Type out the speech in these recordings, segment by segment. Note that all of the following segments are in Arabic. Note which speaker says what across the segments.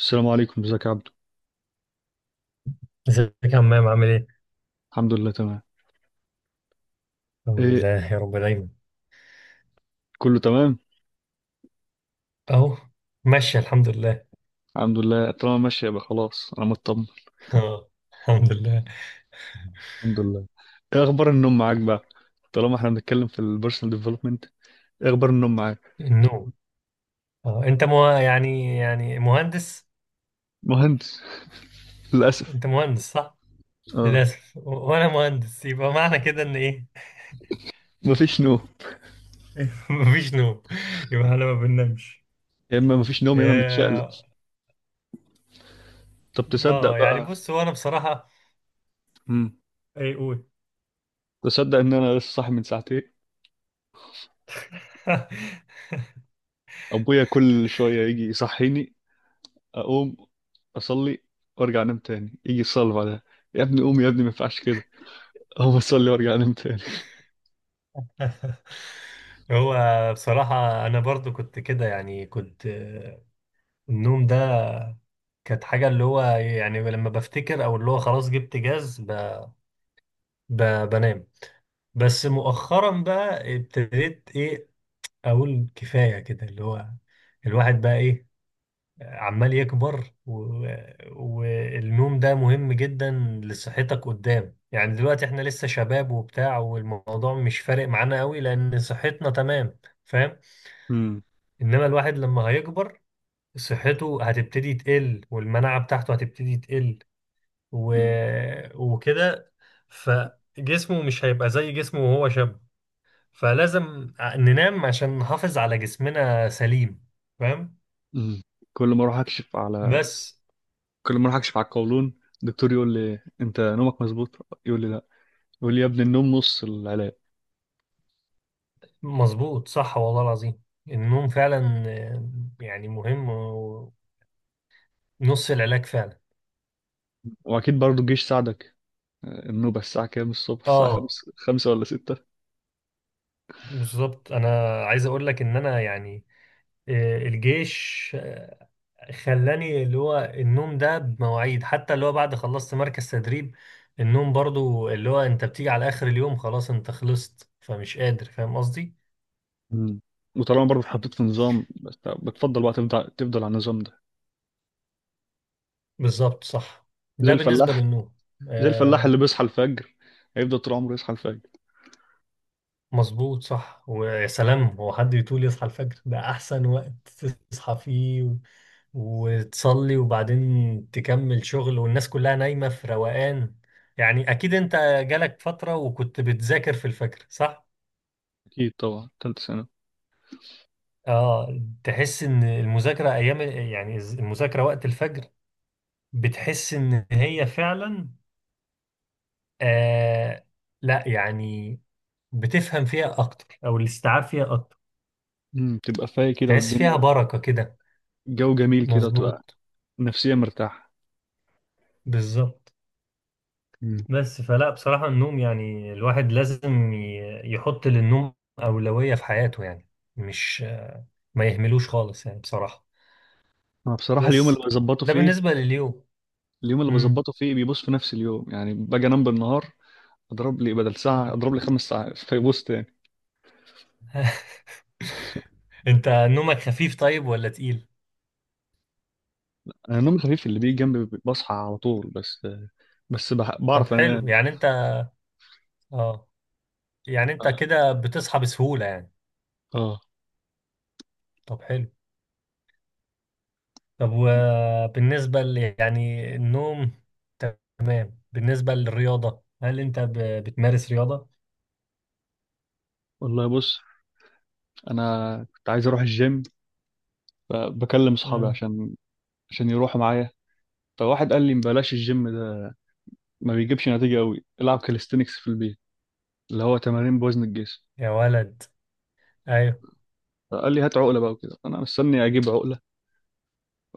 Speaker 1: السلام عليكم، ازيك يا عبدو؟
Speaker 2: ازيك يا عمام، عامل ايه؟
Speaker 1: الحمد لله تمام.
Speaker 2: الحمد
Speaker 1: ايه،
Speaker 2: لله يا رب دايما.
Speaker 1: كله تمام.
Speaker 2: اهو، ماشي الحمد لله.
Speaker 1: الحمد لله، طالما ماشي يبقى خلاص انا مطمن.
Speaker 2: اه، الحمد لله.
Speaker 1: الحمد لله. ايه اخبار النوم معاك بقى، طالما احنا بنتكلم في البيرسونال ديفلوبمنت؟ ايه اخبار النوم معاك؟
Speaker 2: النوم. اه، انت مو يعني مهندس.
Speaker 1: مهندس للاسف.
Speaker 2: انت مهندس صح؟
Speaker 1: اه،
Speaker 2: للاسف، و- وانا مهندس يبقى معنى كده ان ايه؟
Speaker 1: مفيش نوم.
Speaker 2: مفيش نوم. يبقى احنا ما بننامش.
Speaker 1: يا اما مفيش نوم يا اما متشقلب.
Speaker 2: يا-
Speaker 1: طب تصدق
Speaker 2: اه يعني
Speaker 1: بقى؟
Speaker 2: بص، هو انا بصراحة،
Speaker 1: امم
Speaker 2: ايه قول.
Speaker 1: تصدق ان انا لسه صاحي من ساعتين؟ ابويا كل شويه يجي يصحيني، اقوم اصلي وارجع انام، تاني يجي يصلي بعدها. يا ابني قوم يا ابني، ما ينفعش كده. اقوم اصلي وارجع انام
Speaker 2: هو بصراحة أنا برضو كنت كده يعني كنت النوم ده كانت حاجة اللي هو يعني لما بفتكر أو اللي هو خلاص جبت جاز ب... بنام. بس مؤخرا بقى ابتديت إيه، أقول كفاية كده، اللي هو الواحد بقى إيه، عمال يكبر والنوم ده مهم جدا لصحتك قدام. يعني دلوقتي إحنا لسه شباب وبتاع، والموضوع مش فارق معانا قوي لأن صحتنا تمام، فاهم.
Speaker 1: تاني.
Speaker 2: إنما الواحد لما هيكبر صحته هتبتدي تقل، والمناعة بتاعته هتبتدي تقل و...
Speaker 1: مم.
Speaker 2: وكده، فجسمه مش هيبقى زي جسمه وهو شاب. فلازم ننام عشان نحافظ على جسمنا سليم، فاهم.
Speaker 1: مم. كل ما اروح اكشف على
Speaker 2: بس
Speaker 1: كل ما اروح اكشف على القولون، الدكتور يقول لي انت نومك مظبوط. يقول لي لا، يقول لي يا ابني النوم نص العلاج.
Speaker 2: مظبوط صح والله العظيم، النوم فعلا يعني مهم، ونص العلاج فعلا.
Speaker 1: واكيد برضه الجيش ساعدك. النوبة الساعة كام الصبح؟ الساعة
Speaker 2: اه
Speaker 1: 5 ولا 6؟
Speaker 2: بالظبط، انا عايز اقول لك ان انا يعني الجيش خلاني اللي هو النوم ده بمواعيد، حتى اللي هو بعد خلصت مركز تدريب النوم برضو، اللي هو انت بتيجي على اخر اليوم خلاص انت خلصت، فمش قادر، فاهم قصدي.
Speaker 1: مم. وطالما برضه اتحطيت في نظام، بس بتفضل بقى تفضل تفضل على النظام ده.
Speaker 2: بالظبط صح،
Speaker 1: زي
Speaker 2: ده بالنسبة
Speaker 1: الفلاح
Speaker 2: للنوم.
Speaker 1: زي الفلاح
Speaker 2: آه.
Speaker 1: اللي بيصحى الفجر، هيفضل طول عمره يصحى الفجر.
Speaker 2: مظبوط صح. ويا سلام، هو حد يطول يصحى الفجر؟ ده احسن وقت تصحى فيه وتصلي وبعدين تكمل شغل، والناس كلها نايمة في روقان. يعني اكيد انت جالك فترة وكنت بتذاكر في الفجر صح.
Speaker 1: اكيد طبعا، تالتة سنة.
Speaker 2: اه، تحس ان المذاكره ايام، يعني المذاكره وقت الفجر، بتحس ان هي فعلا آه، لا يعني بتفهم فيها اكتر او الاستيعاب فيها اكتر.
Speaker 1: مم. تبقى فايق كده
Speaker 2: تحس فيها
Speaker 1: والدنيا
Speaker 2: بركه كده.
Speaker 1: جو جميل كده، وتبقى
Speaker 2: مظبوط،
Speaker 1: نفسيا مرتاح.
Speaker 2: بالظبط.
Speaker 1: مم.
Speaker 2: بس فلا بصراحه النوم، يعني الواحد لازم يحط للنوم اولويه في حياته، يعني مش ما يهملوش خالص يعني بصراحه.
Speaker 1: انا بصراحة اليوم
Speaker 2: بس
Speaker 1: اللي بظبطه
Speaker 2: ده
Speaker 1: فيه،
Speaker 2: بالنسبه لليوم. امم
Speaker 1: بيبص في نفس اليوم، يعني باجي انام بالنهار اضرب لي بدل ساعه، اضرب لي 5 ساعات، فيبص تاني.
Speaker 2: انت نومك خفيف طيب ولا تقيل؟
Speaker 1: انا النوم الخفيف اللي بيجي جنبي بصحى على طول، بس
Speaker 2: طب
Speaker 1: بعرف انام.
Speaker 2: حلو، يعني انت اه، يعني انت كده بتصحى بسهولة يعني.
Speaker 1: اه
Speaker 2: طب حلو. طب وبالنسبة يعني النوم تمام، بالنسبة للرياضة هل انت بتمارس رياضة؟
Speaker 1: والله، بص، انا كنت عايز اروح الجيم، فبكلم اصحابي
Speaker 2: مم.
Speaker 1: عشان يروحوا معايا. فواحد قال لي بلاش الجيم ده، ما بيجيبش نتيجه قوي، العب كاليستينكس في البيت، اللي هو تمارين بوزن الجسم.
Speaker 2: يا ولد، ايوه.
Speaker 1: فقال لي هات عقله بقى، وكده انا مستني اجيب عقله.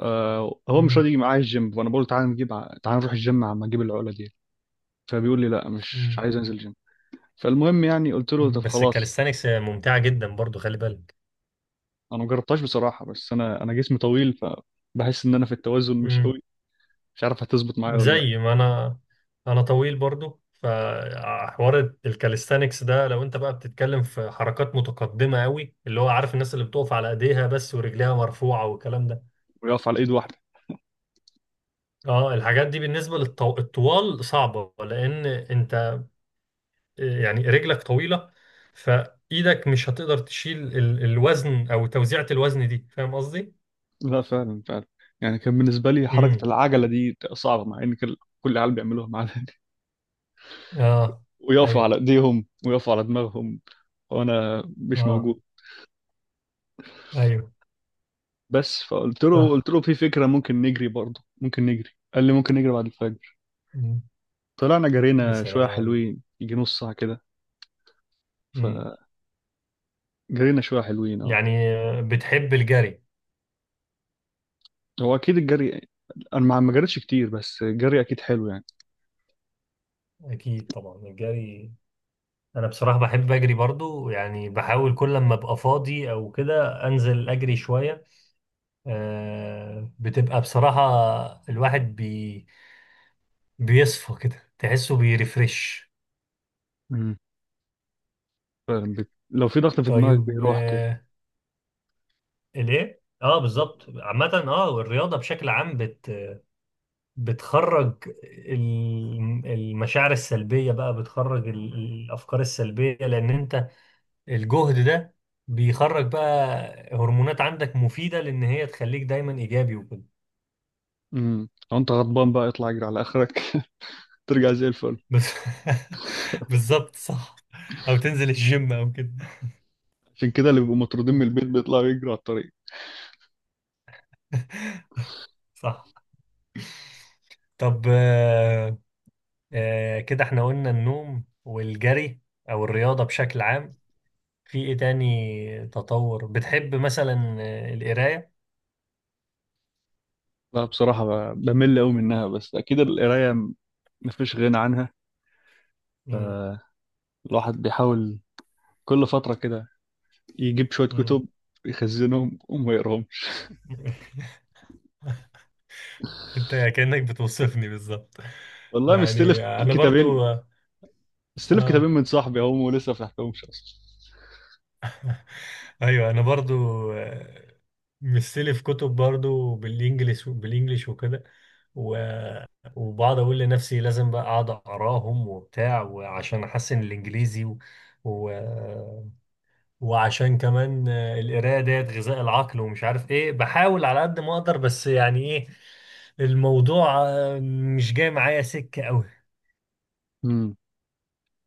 Speaker 1: آه، هو مش
Speaker 2: مم.
Speaker 1: راضي يجي معايا الجيم، فانا بقول تعالى تعالى نروح الجيم، عم اجيب العقله دي. فبيقول لي لا، مش
Speaker 2: مم.
Speaker 1: عايز انزل جيم. فالمهم يعني قلت له
Speaker 2: مم.
Speaker 1: طب
Speaker 2: بس
Speaker 1: خلاص.
Speaker 2: الكاليستانكس ممتعة جدا برضو، خلي بالك.
Speaker 1: انا ما جربتهاش بصراحه، بس انا جسمي طويل، فبحس ان انا في التوازن مش قوي، مش عارف هتظبط معايا ولا لا.
Speaker 2: زي ما انا، انا طويل برضو، فحوار الكاليستانكس ده لو انت بقى بتتكلم في حركات متقدمة قوي، اللي هو عارف الناس اللي بتقف على ايديها بس ورجليها مرفوعة والكلام ده.
Speaker 1: ويقف على ايد واحده.
Speaker 2: اه، الحاجات دي بالنسبة للطوال صعبة، لان انت يعني رجلك طويلة، فايدك مش هتقدر تشيل الوزن، او توزيعة الوزن دي، فاهم قصدي؟
Speaker 1: لا، فعلا فعلا. يعني كان بالنسبه لي حركه
Speaker 2: امم
Speaker 1: العجله دي صعبه، مع ان كل العيال بيعملوها معانا.
Speaker 2: اه،
Speaker 1: ويقفوا
Speaker 2: ايوه.
Speaker 1: على ايديهم ويقفوا على دماغهم، وانا مش
Speaker 2: اه،
Speaker 1: موجود.
Speaker 2: ايوه،
Speaker 1: بس فقلت له، قلت
Speaker 2: صح.
Speaker 1: له في فكره ممكن نجري، برضه ممكن نجري. قال لي ممكن نجري بعد الفجر.
Speaker 2: مم.
Speaker 1: طلعنا
Speaker 2: يا
Speaker 1: جرينا شويه
Speaker 2: سلام.
Speaker 1: حلوين، يجي نص ساعه كده. جرينا شوية حلوين، اه.
Speaker 2: يعني بتحب الجري؟
Speaker 1: هو أكيد الجري، أنا ما جريتش كتير، بس الجري أكيد حلو يعني.
Speaker 2: اكيد طبعا، الجري انا بصراحة بحب اجري برضو، يعني بحاول كل لما ابقى فاضي او كده انزل اجري شوية. بتبقى بصراحة الواحد بيصفى كده، تحسه بيرفرش.
Speaker 1: امم. فعلا، لو في ضغط في دماغك
Speaker 2: طيب
Speaker 1: بيروح كده.
Speaker 2: الايه، اه بالظبط عامة، اه الرياضة بشكل عام بتخرج المشاعر السلبية، بقى بتخرج الافكار السلبية، لان انت الجهد ده بيخرج بقى هرمونات عندك مفيدة، لأن هي تخليك دايما إيجابي وكده.
Speaker 1: امم، لو أنت غضبان بقى اطلع اجري على آخرك ترجع زي الفل.
Speaker 2: بس بالظبط صح. أو تنزل الجيم أو كده.
Speaker 1: عشان كده اللي بيبقوا مطرودين من البيت بيطلعوا يجروا على الطريق.
Speaker 2: صح. طب كده احنا قلنا النوم والجري، أو الرياضة بشكل عام. في إيه تاني تطور بتحب، مثلا القراية؟
Speaker 1: لا بصراحة، بمل أوي منها، بس أكيد القراية مفيش غنى عنها.
Speaker 2: مم.
Speaker 1: الواحد بيحاول كل فترة كده يجيب شوية
Speaker 2: مم.
Speaker 1: كتب يخزنهم وما يقراهمش.
Speaker 2: انت كأنك بتوصفني بالظبط.
Speaker 1: والله
Speaker 2: يعني انا برضو اه
Speaker 1: مستلف كتابين
Speaker 2: آه.
Speaker 1: من صاحبي هم، ولسه ما فتحتهمش أصلا.
Speaker 2: ايوه، انا برضو آه، مستلي في كتب برضو، بالانجليش وكده، و- وبقعد اقول لنفسي لازم بقى اقعد اقراهم وبتاع، وعشان احسن الانجليزي و... وعشان كمان القرايه ديت غذاء العقل ومش عارف ايه، بحاول على قد ما اقدر، بس يعني ايه، الموضوع مش جاي معايا سكه قوي.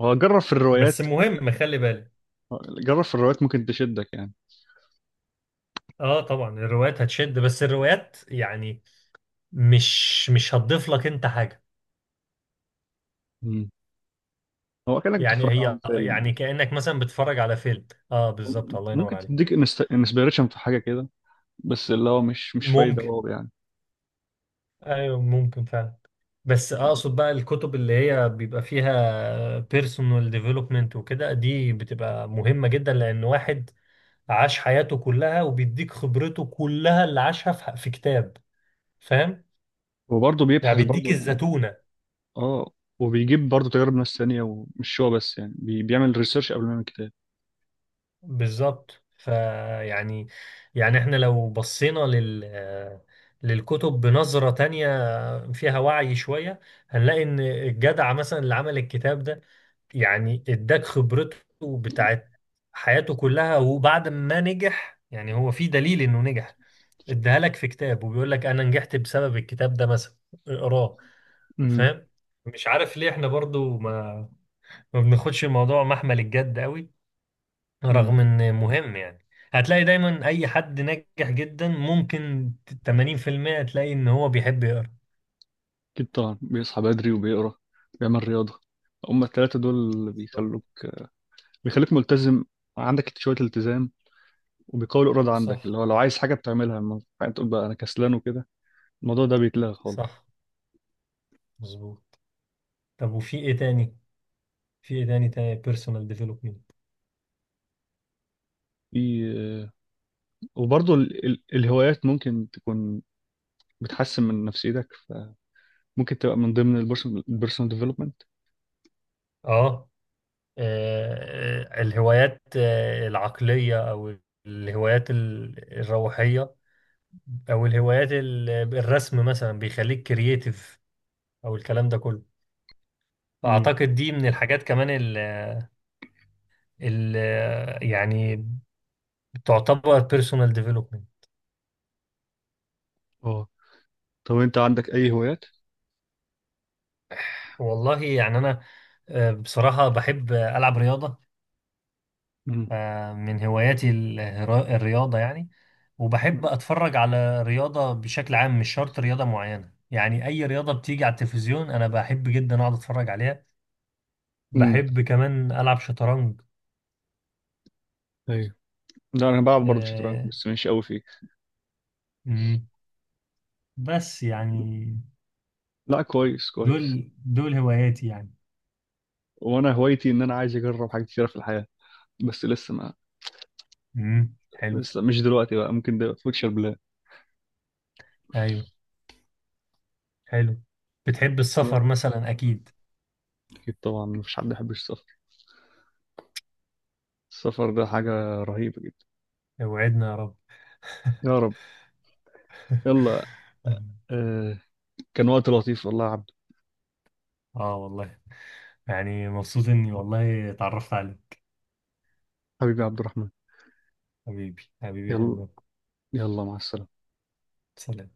Speaker 1: هو
Speaker 2: بس مهم خلي بالك.
Speaker 1: جرب في الروايات ممكن تشدك يعني.
Speaker 2: اه طبعا الروايات هتشد، بس الروايات يعني مش هتضيف لك انت حاجه.
Speaker 1: مم. هو كأنك
Speaker 2: يعني
Speaker 1: بتتفرج على
Speaker 2: هي
Speaker 1: فيلم.
Speaker 2: يعني كأنك مثلا بتتفرج على فيلم. اه بالظبط، الله ينور
Speaker 1: ممكن
Speaker 2: عليك.
Speaker 1: تديك انسبيريشن في حاجة كده، بس اللي هو مش فايدة
Speaker 2: ممكن،
Speaker 1: واو يعني.
Speaker 2: ايوه ممكن فعلا. بس اقصد بقى الكتب اللي هي بيبقى فيها بيرسونال ديفلوبمنت وكده دي بتبقى مهمة جدا، لان واحد عاش حياته كلها وبيديك خبرته كلها اللي عاشها في كتاب، فاهم.
Speaker 1: وبرضه
Speaker 2: يعني
Speaker 1: بيبحث
Speaker 2: بيديك
Speaker 1: برضه يعني.
Speaker 2: الزتونة.
Speaker 1: اه، وبيجيب برضه تجارب ناس تانية، ومش هو بس، يعني بيعمل ريسيرش قبل ما يعمل كتاب.
Speaker 2: بالظبط، فيعني يعني يعني احنا لو بصينا للكتب بنظرة تانية، فيها وعي شوية، هنلاقي إن الجدع مثلا اللي عمل الكتاب ده يعني اداك خبرته بتاعت حياته كلها، وبعد ما نجح، يعني هو في دليل إنه نجح، اداها لك في كتاب وبيقول لك أنا نجحت بسبب الكتاب ده مثلا، اقراه،
Speaker 1: امم.
Speaker 2: فاهم. مش عارف ليه احنا برضو ما بناخدش الموضوع محمل الجد قوي،
Speaker 1: امم
Speaker 2: رغم إن مهم يعني. هتلاقي دايما أي حد ناجح جدا، ممكن 80% تلاقي إن هو بيحب يقرأ.
Speaker 1: أكيد طبعا، بيصحى بدري وبيقرا، بيعمل رياضة. هما التلاتة دول اللي
Speaker 2: بالظبط
Speaker 1: بيخلوك، بيخليك ملتزم، عندك شوية التزام، وبيقوي الإرادة عندك. اللي
Speaker 2: صح.
Speaker 1: هو لو عايز حاجة بتعملها، ما ينفعش تقول بقى أنا كسلان وكده. الموضوع ده بيتلغى خالص.
Speaker 2: صح، مظبوط. طب وفي ايه تاني، في ايه تاني بيرسونال ديفلوبمنت.
Speaker 1: في وبرضه الهوايات ممكن تكون بتحسن من نفسيتك، فممكن تبقى من ضمن البيرسونال ديفلوبمنت.
Speaker 2: اه الهوايات العقلية، او الهوايات الروحية، او الهوايات الرسم مثلا بيخليك كرييتيف، او الكلام ده كله،
Speaker 1: امم.
Speaker 2: فاعتقد دي من الحاجات كمان ال ال يعني تعتبر بيرسونال ديفلوبمنت.
Speaker 1: اه. طب انت عندك اي هوايات؟
Speaker 2: والله يعني انا بصراحة بحب العب رياضة،
Speaker 1: امم.
Speaker 2: من هواياتي الرياضة يعني، وبحب أتفرج على رياضة بشكل عام، مش شرط رياضة معينة، يعني أي رياضة بتيجي على التلفزيون أنا بحب جدا أقعد أتفرج عليها.
Speaker 1: امم
Speaker 2: بحب كمان ألعب شطرنج.
Speaker 1: ايوه. لا، انا بلعب برضه شطرنج
Speaker 2: آه،
Speaker 1: بس مش قوي فيه.
Speaker 2: مم. بس يعني
Speaker 1: لا، كويس كويس.
Speaker 2: دول هواياتي يعني.
Speaker 1: وانا هوايتي ان انا عايز اجرب حاجات كتيره في الحياه، بس لسه ما
Speaker 2: مم. حلو.
Speaker 1: لسه مش دلوقتي بقى، ممكن ده فيوتشر بلان.
Speaker 2: أيوه، حلو. بتحب
Speaker 1: لا،
Speaker 2: السفر مثلا أكيد.
Speaker 1: اكيد طبعا مفيش حد يحب السفر. السفر ده حاجه رهيبه جدا.
Speaker 2: وعدنا يا رب.
Speaker 1: يا رب. يلا. آه، كان وقت لطيف والله يا عبد.
Speaker 2: آه والله، يعني مبسوط إني والله اتعرفت عليك.
Speaker 1: حبيبي عبد الرحمن.
Speaker 2: حبيبي، حبيبي يا
Speaker 1: يلا.
Speaker 2: همام.
Speaker 1: يلا، مع السلامة.
Speaker 2: سلام.